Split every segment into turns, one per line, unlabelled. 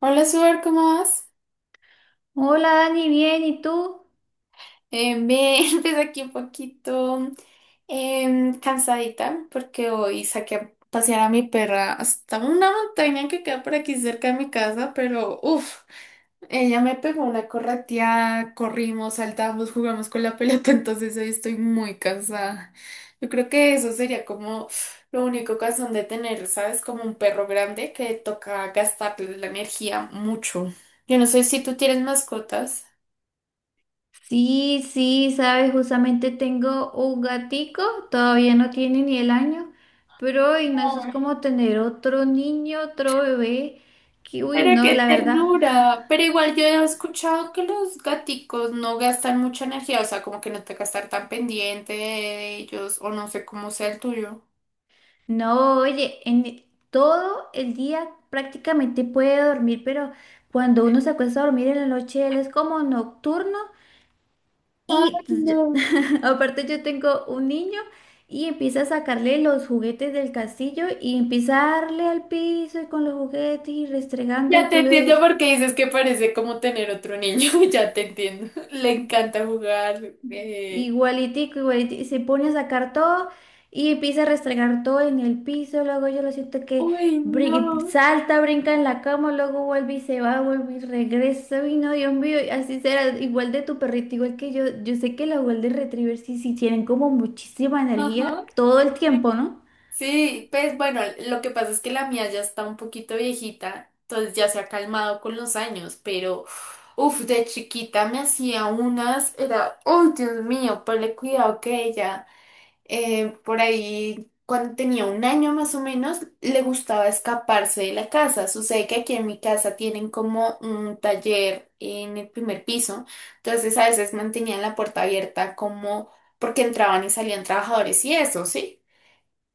Hola, Suar, ¿cómo vas?
Hola Dani, bien, ¿y tú?
Bien, pues aquí un poquito cansadita porque hoy saqué a pasear a mi perra hasta una montaña que queda por aquí cerca de mi casa, pero uff, ella me pegó una correteada, corrimos, saltamos, jugamos con la pelota, entonces hoy estoy muy cansada. Yo creo que eso sería como lo único cansón de tener, ¿sabes? Como un perro grande que toca gastarle la energía mucho. Yo no sé si tú tienes mascotas.
Sí, sí, sabes, justamente tengo un gatico, todavía no tiene ni el año, pero uy, no, eso es como tener otro niño, otro bebé, que uy,
Pero
no,
qué
la verdad.
ternura. Pero igual yo he escuchado que los gaticos no gastan mucha energía, o sea, como que no te que estar tan pendiente de ellos, o no sé cómo sea el tuyo.
No, oye, en todo el día prácticamente puede dormir, pero cuando uno se acuesta a dormir en la noche, él es como nocturno.
Ay,
Y yo-
no.
Aparte yo tengo un niño y empieza a sacarle los juguetes del castillo y empieza a darle al piso y con los juguetes y restregando y
Ya te
tú lo
entiendo
des
porque dices que parece como tener otro niño, ya te entiendo. Le encanta jugar.
igualitico, igualitico, y se pone a sacar todo y empieza a restregar todo en el piso, luego yo lo siento que
Uy, no.
salta, brinca en la cama, luego vuelve y se va, vuelve y regresa, y no, Dios mío, y así será, igual de tu perrito, igual que yo sé que los Golden Retrievers sí, sí tienen como muchísima
Ajá.
energía todo el tiempo, ¿no?
Sí, pues bueno, lo que pasa es que la mía ya está un poquito viejita, entonces ya se ha calmado con los años, pero uff, de chiquita me hacía unas, era, oh Dios mío, ponle cuidado que ella, por ahí cuando tenía un año más o menos, le gustaba escaparse de la casa. Sucede que aquí en mi casa tienen como un taller en el primer piso, entonces a veces mantenían la puerta abierta como porque entraban y salían trabajadores y eso, ¿sí?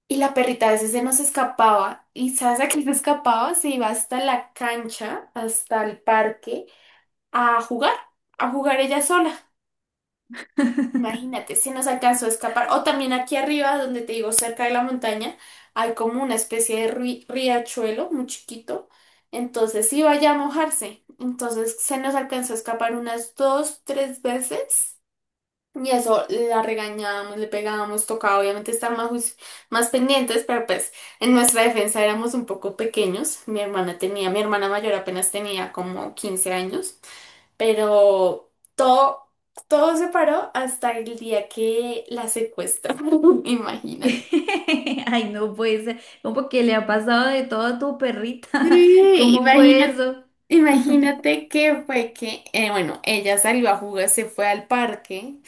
Y la perrita a veces se nos escapaba. ¿Y sabes a qué se escapaba? Se iba hasta la cancha, hasta el parque, a jugar, a jugar ella sola. Imagínate, se nos alcanzó a escapar. O también aquí arriba, donde te digo, cerca de la montaña, hay como una especie de riachuelo muy chiquito. Entonces iba ya a mojarse. Entonces se nos alcanzó a escapar unas dos, tres veces. Y eso la regañábamos, le pegábamos, tocaba obviamente estar más, más pendientes, pero pues en nuestra defensa éramos un poco pequeños. Mi hermana tenía, mi hermana mayor apenas tenía como 15 años, pero todo se paró hasta el día que la secuestraron, imagínate.
Ay, no puede ser. ¿Cómo que le ha pasado de todo a tu perrita?
Sí,
¿Cómo fue
imagínate
eso?
Imagínate que fue que, bueno, ella salió a jugar, se fue al parque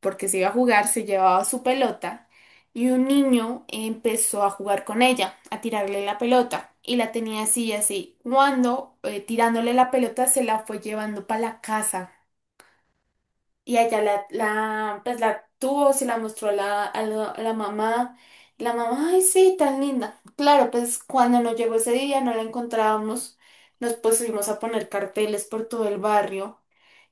porque se iba a jugar, se llevaba su pelota y un niño empezó a jugar con ella, a tirarle la pelota y la tenía así y así. Cuando tirándole la pelota se la fue llevando para la casa. Y allá pues la tuvo, se la mostró a la mamá. Y la mamá, ay, sí, tan linda. Claro, pues cuando nos llegó ese día no la encontrábamos, nos pusimos a poner carteles por todo el barrio.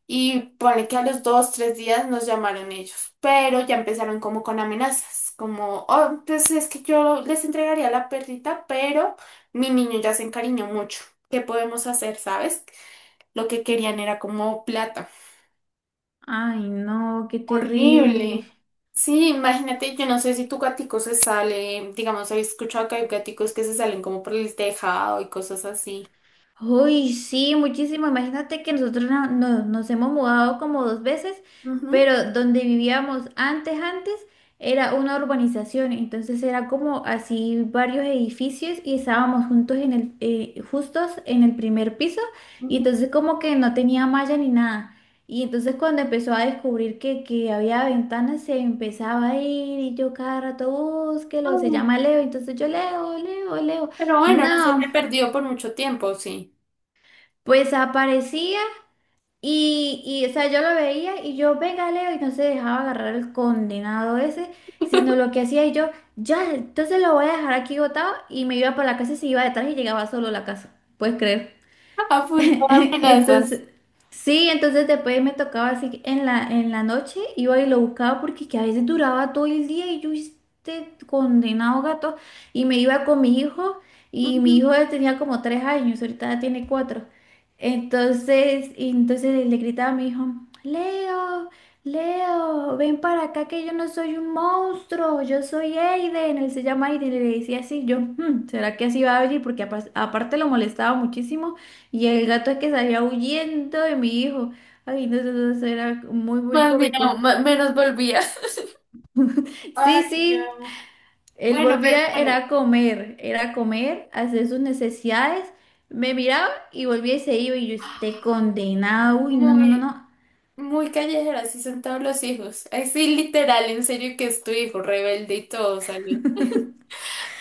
Y pone que a los dos, tres días nos llamaron ellos, pero ya empezaron como con amenazas, como, oh, pues es que yo les entregaría la perrita, pero mi niño ya se encariñó mucho. ¿Qué podemos hacer, sabes? Lo que querían era como plata.
Ay, no, qué
Horrible.
terrible.
Sí, imagínate, yo no sé si tu gatico se sale, digamos, he escuchado que hay gaticos que se salen como por el tejado y cosas así.
Uy, sí, muchísimo. Imagínate que nosotros nos hemos mudado como dos veces,
Ujú,
pero donde vivíamos antes, era una urbanización, entonces era como así varios edificios y estábamos juntos justos en el primer piso y
ujú.
entonces como que no tenía malla ni nada. Y entonces cuando empezó a descubrir que había ventanas, se empezaba a ir y yo cada rato, búsquelo, se
Ay,
llama Leo, entonces yo Leo, Leo, Leo.
pero bueno, no se te
No.
perdió por mucho tiempo, sí.
Pues aparecía y, o sea, yo lo veía y yo, venga, Leo, y no se dejaba agarrar el condenado ese, sino lo que hacía y yo, ya, entonces lo voy a dejar aquí botado y me iba para la casa y se iba detrás y llegaba solo a la casa. ¿Puedes creer?
A punto de amenazas.
Entonces, sí, entonces después me tocaba así que en la noche, iba y lo buscaba porque que a veces duraba todo el día y yo este condenado gato y me iba con mi hijo y
Ujú.
mi hijo él tenía como 3 años, ahorita ya tiene cuatro. Entonces le gritaba a mi hijo, Leo, Leo, ven para acá que yo no soy un monstruo, yo soy Aiden, él se llama Aiden, y le decía así, yo, "Hmm, ¿será que así va a venir?" Porque aparte lo molestaba muchísimo y el gato que salía huyendo de mi hijo. Ay, no, eso era muy, muy
Más bien,
cómico.
menos volvía. Ay,
Sí, sí,
no.
él
Bueno, pues
volvía,
bueno,
era a comer, a hacer sus necesidades. Me miraba y volvía y se iba. Y yo, esté condenado. Uy, no, no, no,
muy,
no.
muy callejera, así son todos los hijos. Ay, sí, literal, en serio que es tu hijo rebelde y todo, salió.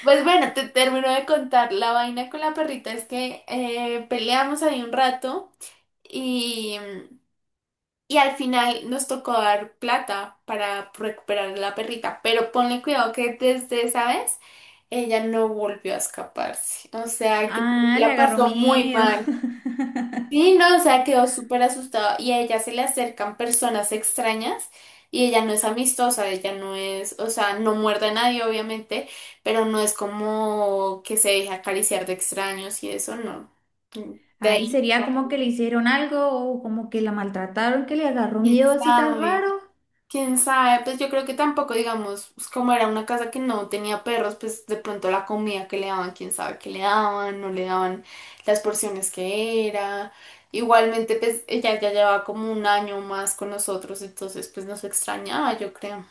Pues bueno, te termino de contar la vaina con la perrita, es que peleamos ahí un rato y, y al final nos tocó dar plata para recuperar a la perrita, pero ponle cuidado que desde esa vez ella no volvió a escaparse, o sea, yo creo
Ah,
que
le
la
agarró
pasó muy
miedo.
mal. Sí, no, o sea, quedó súper asustado y a ella se le acercan personas extrañas y ella no es amistosa, ella no es, o sea, no muerde a nadie obviamente, pero no es como que se deje acariciar de extraños y eso no. De
Ahí
ahí,
sería como que le hicieron algo o como que la maltrataron, que le agarró
quién
miedo así tan
sabe.
raro.
Quién sabe, pues yo creo que tampoco, digamos, pues como era una casa que no tenía perros, pues de pronto la comida que le daban, quién sabe qué le daban, no le daban las porciones que era. Igualmente, pues ella ya llevaba como un año más con nosotros, entonces pues nos extrañaba, yo creo.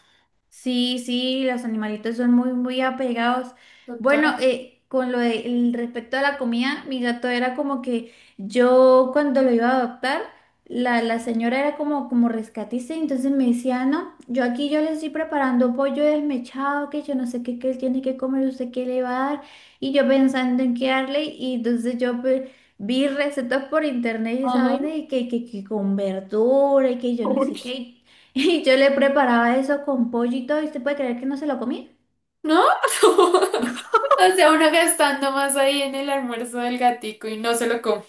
Sí, sí, los animalitos son muy, muy apegados. Bueno,
Total.
con lo respecto a la comida, mi gato era como que yo cuando lo iba a adoptar, la señora era como rescatista, entonces me decía, no, yo aquí yo le estoy preparando pollo desmechado, que yo no sé qué, que él tiene que comer, usted qué le va a dar, y yo pensando en qué darle, y entonces yo pues, vi recetas por internet y esa
Ajá.
vaina, y que con verdura, y que yo no sé
Uy.
qué. Y yo le preparaba eso con pollo y todo, ¿y usted puede creer que no se lo comía?
¿No? O sea, uno gastando más ahí en el almuerzo del gatico y no se lo come.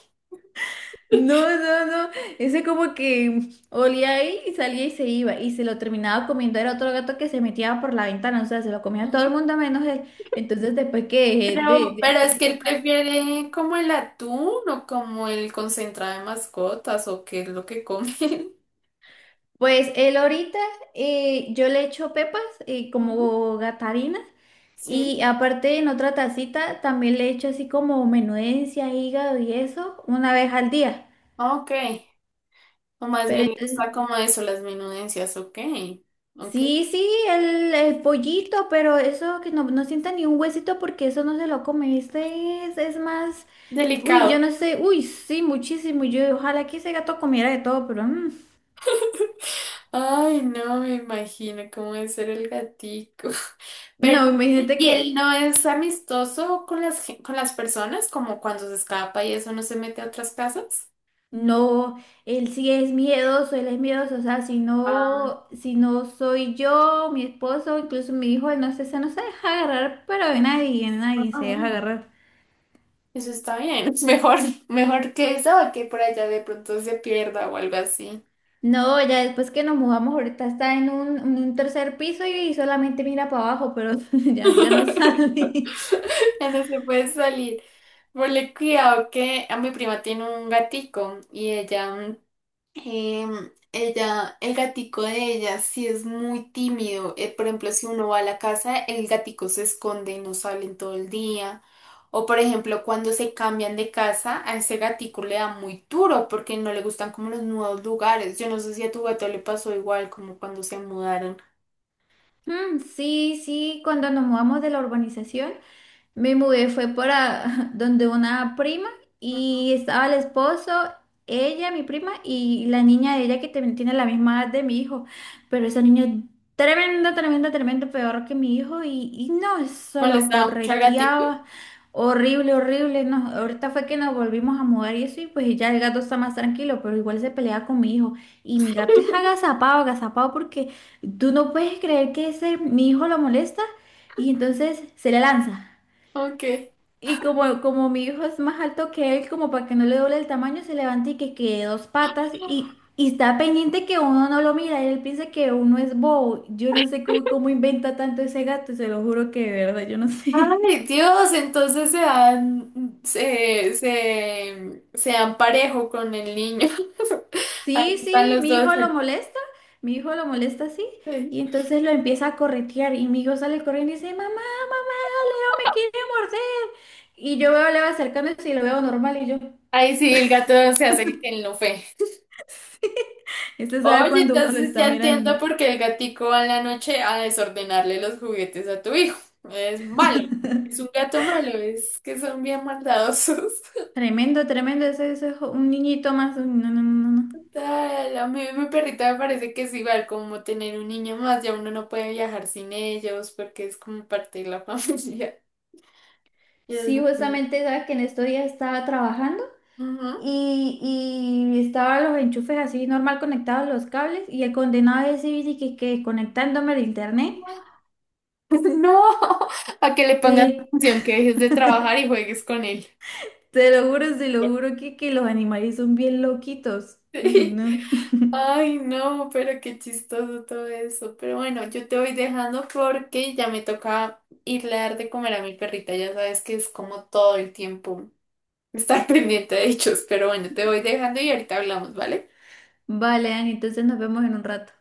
No, no, no, ese como que olía ahí y salía y se iba y se lo terminaba comiendo, era otro gato que se metía por la ventana, o sea, se lo comía todo el mundo menos él. Entonces después que dejé
Pero,
de
pero es
hacerle
que él
esas,
prefiere como el atún o como el concentrado de mascotas o qué es lo que come.
pues él ahorita yo le echo pepas,
Ujú,
como gatarinas, y
sí.
aparte en otra tacita también le echo así como menudencia, hígado y eso una vez al día.
Ah, ok. O más
Pero
bien le
entonces...
gusta como eso, las menudencias. Ok. Ok.
Sí, sí, el pollito, pero eso que no, no sienta ni un huesito porque eso no se lo come. Este es más, uy,
Delicado.
yo no sé, uy, sí, muchísimo. Yo ojalá que ese gato comiera de todo, pero
Ay, no me imagino cómo debe ser el gatico. Pero,
no, imagínate
¿y
que
él no es amistoso con las, con las personas? Como cuando se escapa y eso no se mete a otras casas.
no, él sí es miedoso, él es miedoso. O sea, si no soy yo, mi esposo, incluso mi hijo, él no se deja agarrar, pero de nadie se deja
Ah,
agarrar.
eso está bien. Mejor, mejor que eso a que por allá de pronto se pierda o algo así.
No, ya después que nos mudamos, ahorita está en un tercer piso y solamente mira para abajo, pero ya, ya no sale.
Ya no se puede salir. Ponle cuidado que a mi prima tiene un gatico y ella ella, el gatico de ella sí es muy tímido. Por ejemplo, si uno va a la casa, el gatico se esconde y no salen todo el día. O por ejemplo, cuando se cambian de casa, a ese gatico le da muy duro porque no le gustan como los nuevos lugares. Yo no sé si a tu gato le pasó igual como cuando se mudaron.
Mm, sí, sí, cuando nos mudamos de la urbanización, me mudé, fue para donde una prima,
Mm,
y estaba el esposo, ella, mi prima y la niña de ella que también tiene la misma edad de mi hijo, pero esa niña es tremenda, tremenda, tremenda, peor que mi hijo y no, eso lo
Molestaba mucho al gatico.
correteaba, horrible, horrible, no, ahorita fue que nos volvimos a mudar y eso y pues ya el gato está más tranquilo, pero igual se pelea con mi hijo y mi gato es agazapado, agazapado porque... Tú no puedes creer que ese mi hijo lo molesta y entonces se le lanza.
Ok.
Y como mi hijo es más alto que él, como para que no le doble el tamaño, se levanta y que quede dos patas, y está pendiente que uno no lo mira. Él piensa que uno es bobo. Yo no sé cómo inventa tanto ese gato, se lo juro que de verdad, yo no sé.
Ay, Dios, entonces se dan parejo con el niño. Ahí
Sí,
están
sí,
los
mi
dos.
hijo lo molesta, mi hijo lo molesta así, y entonces lo empieza a corretear y mi hijo sale corriendo y dice, mamá, mamá, Leo me quiere morder. Y yo veo a Leo acercándose y lo veo normal y yo,
Ay, sí, el gato se hace el que él no fue.
este sabe
Oye,
cuando uno lo
entonces
está
ya entiendo
mirando.
por qué el gatico va en la noche a desordenarle los juguetes a tu hijo. Es malo. Es un gato malo, es que son bien maldadosos.
Tremendo, tremendo, ese es un niñito más. Uy, no, no, no, no, no.
Tal, a mí mi perrita me parece que es igual como tener un niño más, ya uno no puede viajar sin ellos porque es como parte de la familia. Y es
Sí,
muy...
justamente sabes que en estos días estaba trabajando
Ujú.
y estaba los enchufes así normal conectados los cables y el condenado ese bici que conectándome al internet.
No, a que le pongas
Sí.
atención, que dejes de trabajar y juegues con él.
Te lo juro que los animales son bien loquitos. Uy,
Sí.
no.
Ay, no, pero qué chistoso todo eso. Pero bueno, yo te voy dejando porque ya me toca irle a dar de comer a mi perrita. Ya sabes que es como todo el tiempo estar pendiente de ellos. Pero bueno, te voy dejando y ahorita hablamos, ¿vale?
Vale, Dani, entonces nos vemos en un rato.